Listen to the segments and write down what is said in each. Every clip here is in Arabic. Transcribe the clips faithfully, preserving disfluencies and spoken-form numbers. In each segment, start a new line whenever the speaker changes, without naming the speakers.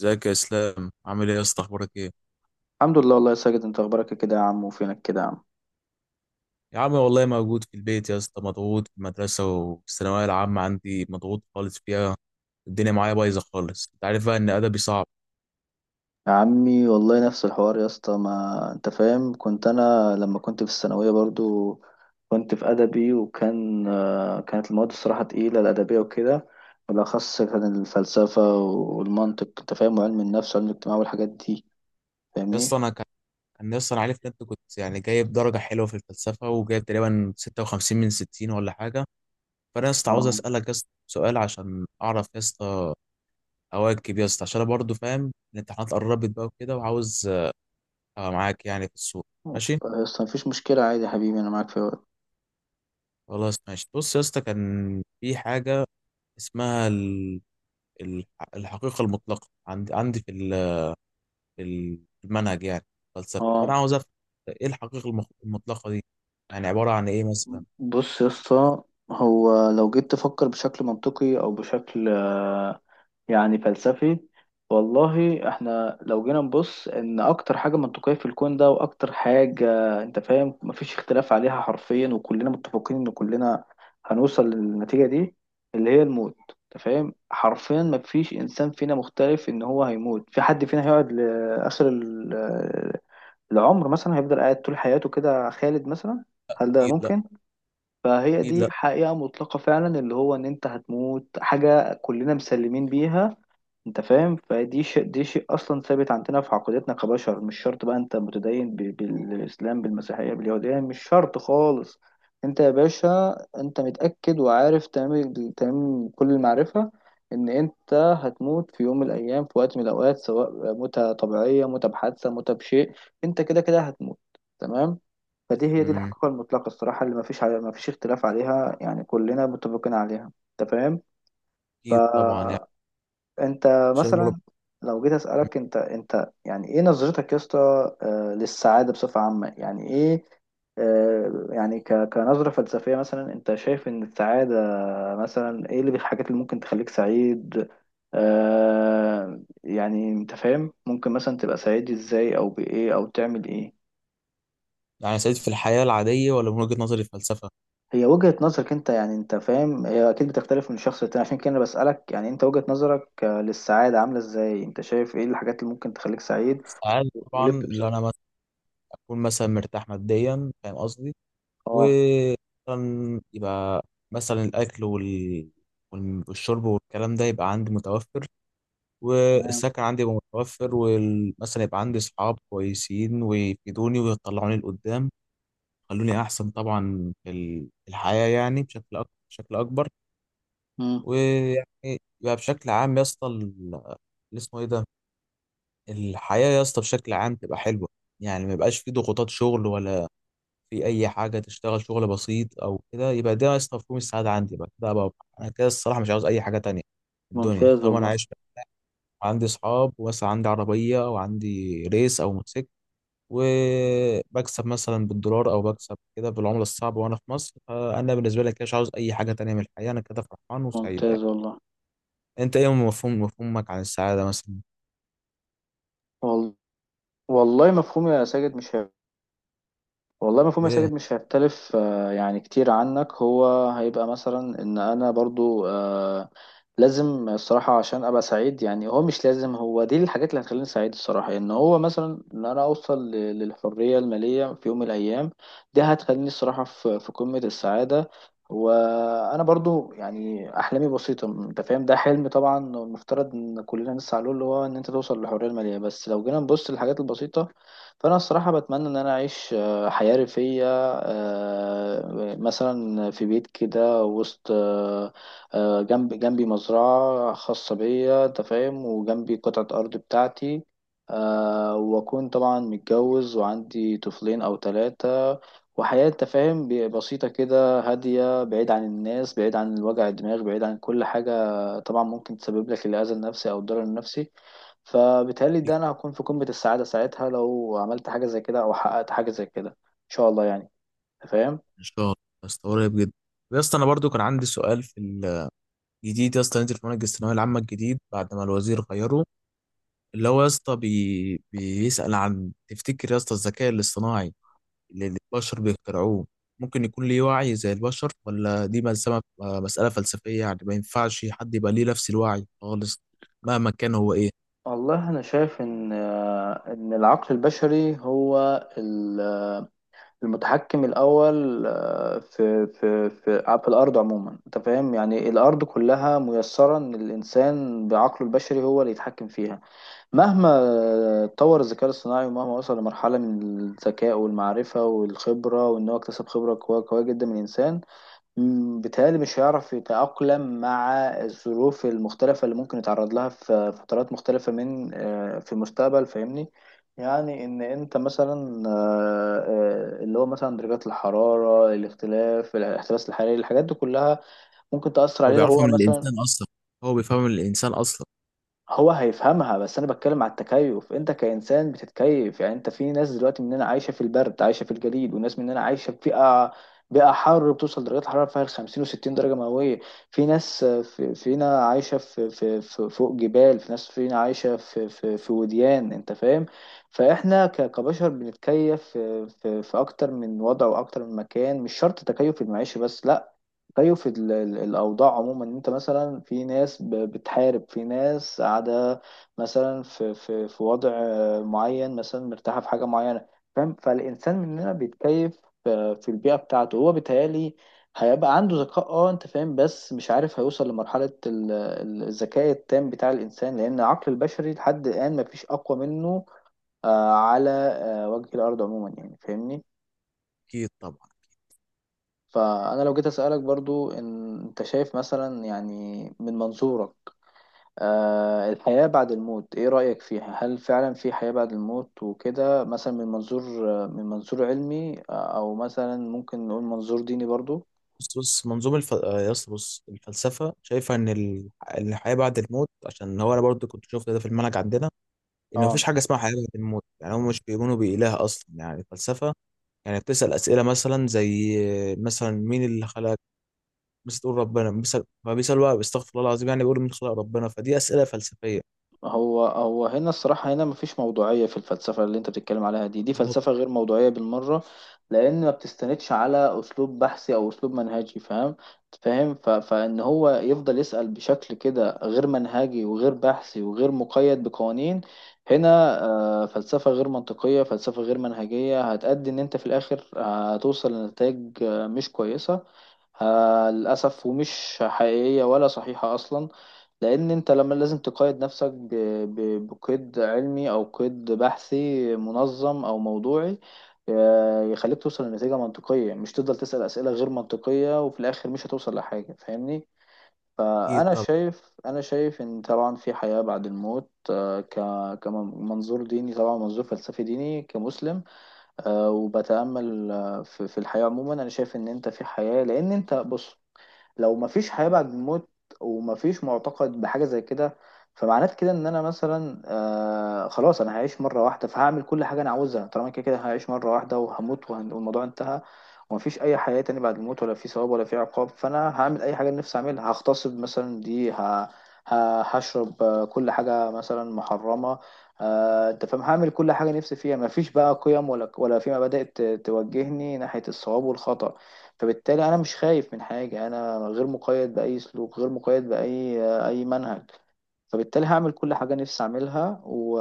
ازيك يا اسلام؟ عامل ايه يا اسطى؟ اخبارك ايه؟
الحمد لله والله يا ساجد، انت اخبارك إيه كده يا عم؟ وفينك كده يا عم؟
يا عم والله موجود في البيت يا اسطى، مضغوط في المدرسه والثانويه العامه، عندي مضغوط خالص فيها. الدنيا معايا بايظه خالص، انت عارف بقى ان ادبي صعب.
يا عمي والله نفس الحوار يا اسطى، ما انت فاهم، كنت انا لما كنت في الثانويه برضو، كنت في ادبي، وكان آه، كانت المواد الصراحه تقيله الادبيه وكده. بالاخص كان الفلسفه والمنطق، انت فاهم، وعلم النفس وعلم الاجتماع والحاجات دي.
يا اسطى
فاهمني؟
انا كان كان يا اسطى، انا عارف ان انت كنت يعني جايب درجه حلوه في الفلسفه، وجايب تقريبا ستة وخمسين من ستين ولا حاجه. فانا يا اسطى عاوز
اه،
اسالك يا اسطى سؤال عشان اعرف يا اسطى، اواكب يا اسطى، عشان انا برضه فاهم الامتحانات قربت بقى وكده، وعاوز ابقى معاك يعني في السوق. ماشي.
يا اسطى مفيش مشكله عادي يا حبيبي، انا معاك في الوقت.
خلاص ماشي. بص يا اسطى، كان في حاجه اسمها ال- ال- الحقيقة المطلقة، عندي عندي في ال- ال- في المنهج يعني فلسفة. فأنا
اه،
عاوز أفهم إيه الحقيقة المخ- المطلقة دي، يعني عبارة عن إيه مثلا؟
بص يا اسطى، هو لو جيت تفكر بشكل منطقي او بشكل يعني فلسفي، والله احنا لو جينا نبص ان اكتر حاجة منطقية في الكون ده واكتر حاجة، انت فاهم، مفيش اختلاف عليها حرفيا، وكلنا متفقين ان كلنا هنوصل للنتيجة دي اللي هي الموت. انت فاهم، حرفيا مفيش انسان فينا مختلف ان هو هيموت، في حد فينا هيقعد لاخر ال- العمر مثلا؟ هيفضل قاعد طول حياته كده خالد مثلا؟ هل ده
أكيد لأ.
ممكن؟ فهي
أكيد
دي
لأ.
حقيقة مطلقة فعلا، اللي هو ان انت هتموت، حاجة كلنا مسلمين بيها. انت فاهم، فدي شيء دي شيء اصلا ثابت عندنا في عقيدتنا كبشر. مش شرط بقى انت متدين ب- بالاسلام، بالمسيحيه، باليهوديه، مش شرط خالص. انت يا باشا انت متاكد وعارف تمام تمام كل المعرفه ان انت هتموت في يوم من الايام، في وقت من الاوقات، سواء موتة طبيعيه، موتة بحادثه، موتة بشيء، انت كده كده هتموت، تمام؟ فدي هي دي
أمم،
الحقيقه المطلقه الصراحه، اللي ما فيش ما فيش اختلاف عليها، يعني كلنا متفقين عليها. انت فاهم، ف
أكيد طبعا. يعني إن
انت
شاء الله رب-
مثلا، لو جيت اسالك انت انت يعني ايه نظرتك يا اسطى، آه، للسعاده بصفه عامه، يعني ايه؟ آه، يعني ك- كنظره فلسفيه مثلا، انت شايف ان السعاده مثلا ايه اللي الحاجات اللي ممكن تخليك سعيد؟ آه، يعني انت فاهم، ممكن مثلا تبقى سعيد ازاي او بايه او تعمل ايه؟
يعني سعيد في الحياة العادية، ولا من وجهة نظري الفلسفة؟
هي وجهة نظرك انت، يعني انت فاهم، هي اكيد بتختلف من شخص للتاني، عشان كده انا بسألك، يعني انت وجهة نظرك آه، للسعادة عاملة ازاي؟ انت شايف ايه الحاجات اللي ممكن تخليك سعيد
السعادة طبعا،
ولب
لو
بصدق؟
أنا مثلا أكون مثلا مرتاح ماديا، فاهم قصدي؟
اه.
ومثلا يبقى مثلا الأكل وال... وال- والشرب والكلام ده يبقى عندي متوفر،
تمام.
والسكن عندي يبقى متوفر، ومثلا يبقى عندي صحاب كويسين ويفيدوني ويطلعوني لقدام، خلوني احسن طبعا في ال- في الحياة، يعني بشكل أكبر، بشكل اكبر.
مم.
ويعني يبقى بشكل عام يا اسطى، ال- اللي اسمه ايه ده، الحياة يا اسطى بشكل عام تبقى حلوة، يعني ما يبقاش في ضغوطات شغل ولا في اي حاجة، تشتغل شغل بسيط او كده، يبقى ده يا اسطى مفهوم السعادة عندي بقى، ده بقى انا كده الصراحة مش عاوز اي حاجة تانية في الدنيا
ممتاز
طالما انا
والله.
عايش، عندي اصحاب، واسع، عندي عربيه وعندي ريس او موتوسيكل، وبكسب مثلا بالدولار او بكسب كده بالعمله الصعبه وانا في مصر، فانا بالنسبه لي كده مش عاوز اي حاجه تانية من الحياه، انا كده فرحان وسعيد يعني.
ممتاز والله.
انت ايه مفهوم مفهومك عن السعاده مثلا؟
وال- والله مفهوم يا ساجد مش والله مفهوم يا
ايه؟
ساجد، مش هيختلف آه، يعني كتير عنك. هو هيبقى مثلا ان انا برضو آه، لازم الصراحة عشان ابقى سعيد. يعني هو مش لازم، هو دي الحاجات اللي هتخليني سعيد الصراحة، ان هو مثلا ان انا اوصل ل- للحرية المالية في يوم من الايام. دي هتخليني الصراحة في في قمة السعادة. وانا برضو يعني احلامي بسيطة، انت فاهم، ده حلم طبعا المفترض ان كلنا نسعى له، اللي هو ان انت توصل للحرية المالية. بس لو جينا نبص للحاجات البسيطة، فانا الصراحه بتمنى ان انا اعيش آه، حياة ريفية، آه، مثلا في بيت كده وسط، آه، آه، جنب جنبي مزرعة خاصة بيا، أنت فاهم، وجنبي قطعة أرض بتاعتي، آه، وأكون طبعا متجوز وعندي طفلين أو ثلاثة، وحياة أنت فاهم ب- بسيطة كده هادية، بعيد عن الناس، بعيد عن الوجع الدماغ، بعيد عن كل حاجة طبعا ممكن تسبب لك الأذى النفسي أو الضرر النفسي. فبالتهيألي ده أنا هكون في قمة السعادة ساعتها لو عملت حاجة زي كده أو حققت حاجة زي كده. شاء الله يعني، أنت فاهم.
ان شاء الله. يا اسطى قريب جدا. يا اسطى انا برضو كان عندي سؤال في الجديد يا اسطى، نزل في منهج الثانويه العامه الجديد بعد ما الوزير غيره، اللي هو يا اسطى بي... بيسال عن، تفتكر يا اسطى الذكاء الاصطناعي اللي البشر بيخترعوه ممكن يكون ليه وعي زي البشر، ولا دي مسألة مسألة فلسفية يعني ما ينفعش حد يبقى ليه نفس الوعي خالص مهما كان هو ايه؟
والله انا شايف ان آه، ان العقل البشري هو ال- المتحكم الاول، آه، في في في في الارض عموما. انت فاهم، يعني الارض كلها ميسره ان الانسان بعقله البشري هو اللي يتحكم فيها. مهما آه، اتطور الذكاء الاصطناعي، ومهما وصل لمرحله من الذكاء والمعرفه والخبره، وان هو اكتسب خبره قويه قويه جدا من الانسان، مم، بيتهيألي مش هيعرف يتأقلم مع الظروف المختلفة اللي ممكن يتعرض لها في فترات مختلفة من آه، في المستقبل. فاهمني؟ يعني إن أنت مثلا آه، آه، اللي هو مثلا درجات الحرارة، الاختلاف، الاحتباس الحراري، الحاجات دي كلها ممكن تأثر
هو
عليه لو
بيعرفها
هو
من
مثلا.
الإنسان أصلا، هو بيفهمها من الإنسان أصلا.
هو هيفهمها، بس انا بتكلم على التكيف. انت كانسان بتتكيف، يعني انت في ناس دلوقتي مننا عايشه في البرد، عايشه في الجليد، وناس مننا عايشه في بيئه بيئه حر بتوصل درجات حراره فيها خمسين و60 درجه مئويه. في ناس في فينا عايشه في في في فوق جبال، في ناس فينا عايشه في في في وديان، انت فاهم. فاحنا ك- كبشر بنتكيف في في في اكتر من وضع واكتر من مكان. مش شرط تكيف المعيشه بس، لا، زيه في ال- ال- الأوضاع عموما. إن أنت مثلا في ناس ب- بتحارب، في ناس قاعدة مثلا في في في وضع آه، معين، مثلا مرتاحة في حاجة معينة. فاهم، فالإنسان مننا بيتكيف آه، في البيئة بتاعته. هو بيتهيألي هيبقى عنده ذكاء، اه انت فاهم، بس مش عارف هيوصل لمرحلة ال- ال- الذكاء التام بتاع الإنسان، لأن العقل البشري لحد الآن مفيش أقوى منه آه، على آه، وجه الأرض عموما، يعني. فاهمني؟
أكيد طبعا.
فأنا لو جيت أسألك برضو، إن أنت شايف مثلا يعني من منظورك آه، الحياة بعد الموت إيه رأيك فيها؟ هل فعلا في حياة بعد الموت وكده، مثلا من منظور من منظور علمي، آه، أو مثلا ممكن نقول منظور ديني برضو؟
بص بص منظومة الف... آه، يا اسطى، بص الفلسفة شايفة إن ال... إن الحياة بعد الموت، عشان هو أنا برضه كنت شفت ده في المنهج عندنا، إن
آه.
مفيش حاجة اسمها حياة بعد الموت، يعني هم مش بيؤمنوا بإله أصلا يعني الفلسفة، يعني بتسأل أسئلة مثلا زي آه، مثلا مين اللي خلق، بس تقول ربنا بيسأل، فبيسأل بقى، بيستغفر الله العظيم، يعني بيقول من خلق ربنا، فدي أسئلة فلسفية.
هو هو هنا الصراحة، هنا مفيش موضوعية في الفلسفة اللي انت بتتكلم عليها دي دي
بالظبط.
فلسفة غير موضوعية بالمرة، لأن ما بتستندش على أسلوب بحثي أو أسلوب منهجي. فاهم فاهم، ف... فإن هو يفضل يسأل بشكل كده غير منهجي وغير بحثي وغير مقيد بقوانين. هنا آه، فلسفة غير منطقية، فلسفة غير منهجية، هتأدي إن انت في الآخر هتوصل لنتائج آه، مش كويسة، آه، للأسف، ومش حقيقية ولا صحيحة أصلا. لان انت لما لازم تقيد نفسك ب- ب- بقيد علمي او قيد بحثي منظم او موضوعي، آه، يخليك توصل لنتيجة منطقية، مش تفضل تسأل أسئلة غير منطقية وفي الآخر مش هتوصل لحاجة. فاهمني؟
أكيد
فأنا
طبعا.
شايف أنا شايف إن طبعا في حياة بعد الموت، آه، ك- كمنظور ديني، طبعا منظور فلسفي ديني كمسلم. آه، وبتأمل آه، في في الحياة عموما، أنا شايف إن أنت في حياة، لأن أنت بص. لو مفيش حياة بعد الموت ومفيش معتقد بحاجة زي كده، فمعناه كده ان انا مثلا آه خلاص، انا هعيش مرة واحدة، فهعمل كل حاجة انا عاوزها طالما كده كده هعيش مرة واحدة وهموت، وهن- والموضوع انتهى. ومفيش اي حياة تاني بعد الموت، ولا في ثواب ولا في عقاب، فانا هعمل اي حاجة أنا نفسي اعملها. هغتصب مثلا، دي ه... ه... هشرب آه، كل حاجة مثلا محرمة. آه، انت فاهم، هعمل كل حاجة نفسي فيها. مفيش بقى قيم، ولا ولا في مبادئ ت- توجهني ناحية الصواب والخطأ. فبالتالي انا مش خايف من حاجه، انا غير مقيد باي سلوك، غير مقيد باي اي منهج. فبالتالي هعمل كل حاجه نفسي اعملها، و...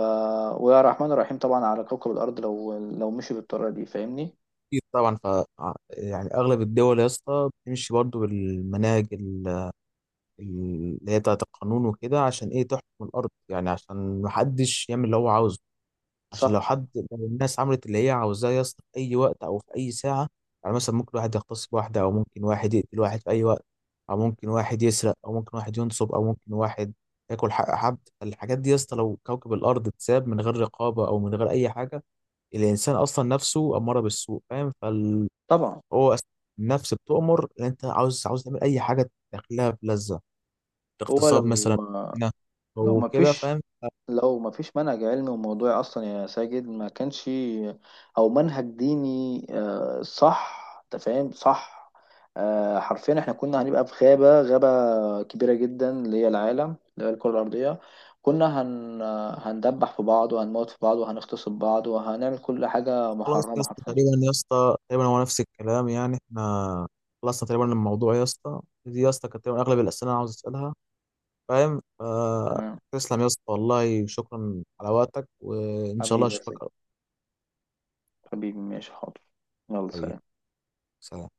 ويا رحمن الرحيم طبعا على كوكب الارض لو لو مشي بالطريقه دي. فاهمني؟
أكيد طبعا. ف ع- يعني أغلب الدول يا اسطى بتمشي برضو بالمناهج ال- اللي هي بتاعت القانون وكده، عشان إيه؟ تحكم الأرض، يعني عشان محدش يعمل اللي هو عاوزه، عشان
صح،
لو حد، لو الناس عملت اللي هي عاوزاه يا اسطى في اي وقت او في اي ساعه، يعني مثلا ممكن واحد يغتصب واحده، او ممكن واحد يقتل واحد في اي وقت، او ممكن واحد يسرق، او ممكن واحد ينصب، او ممكن واحد ياكل حق حد. الحاجات دي يا اسطى، لو كوكب الارض اتساب من غير رقابه او من غير اي حاجه، الانسان اصلا نفسه اماره بالسوء، فاهم؟ فهو
طبعا.
النفس بتؤمر ان انت عاوز، عاوز تعمل اي حاجه تدخلها بلذه،
هو
اغتصاب مثلا،
لو
هنا
لو
او
ما
كده،
فيش،
فاهم؟
لو ما فيش منهج علمي وموضوعي اصلا يا ساجد، ما كانش، او منهج ديني، آه، صح انت فاهم، صح. آه، حرفيا احنا كنا هنبقى في غابة غابة كبيرة جدا اللي هي العالم اللي هي الكرة الأرضية. كنا هن هندبح في بعض، وهنموت في بعض، وهنغتصب بعض، وهنعمل كل حاجة
خلاص يا
محرمة
اسطى،
حرفيا.
تقريبا يا اسطى تقريبا هو نفس الكلام، يعني احنا خلصنا تقريبا الموضوع يا اسطى، دي يا اسطى كانت تقريبا اغلب الاسئله انا عاوز اسالها، فاهم؟ آه.
تمام.
تسلم يا اسطى، والله شكرا على وقتك، وان شاء الله
حبيبي يا
اشوفك
ساجد،
قريب.
حبيبي، ماشي، حاضر، يلا
حبيبي،
سلام.
سلام.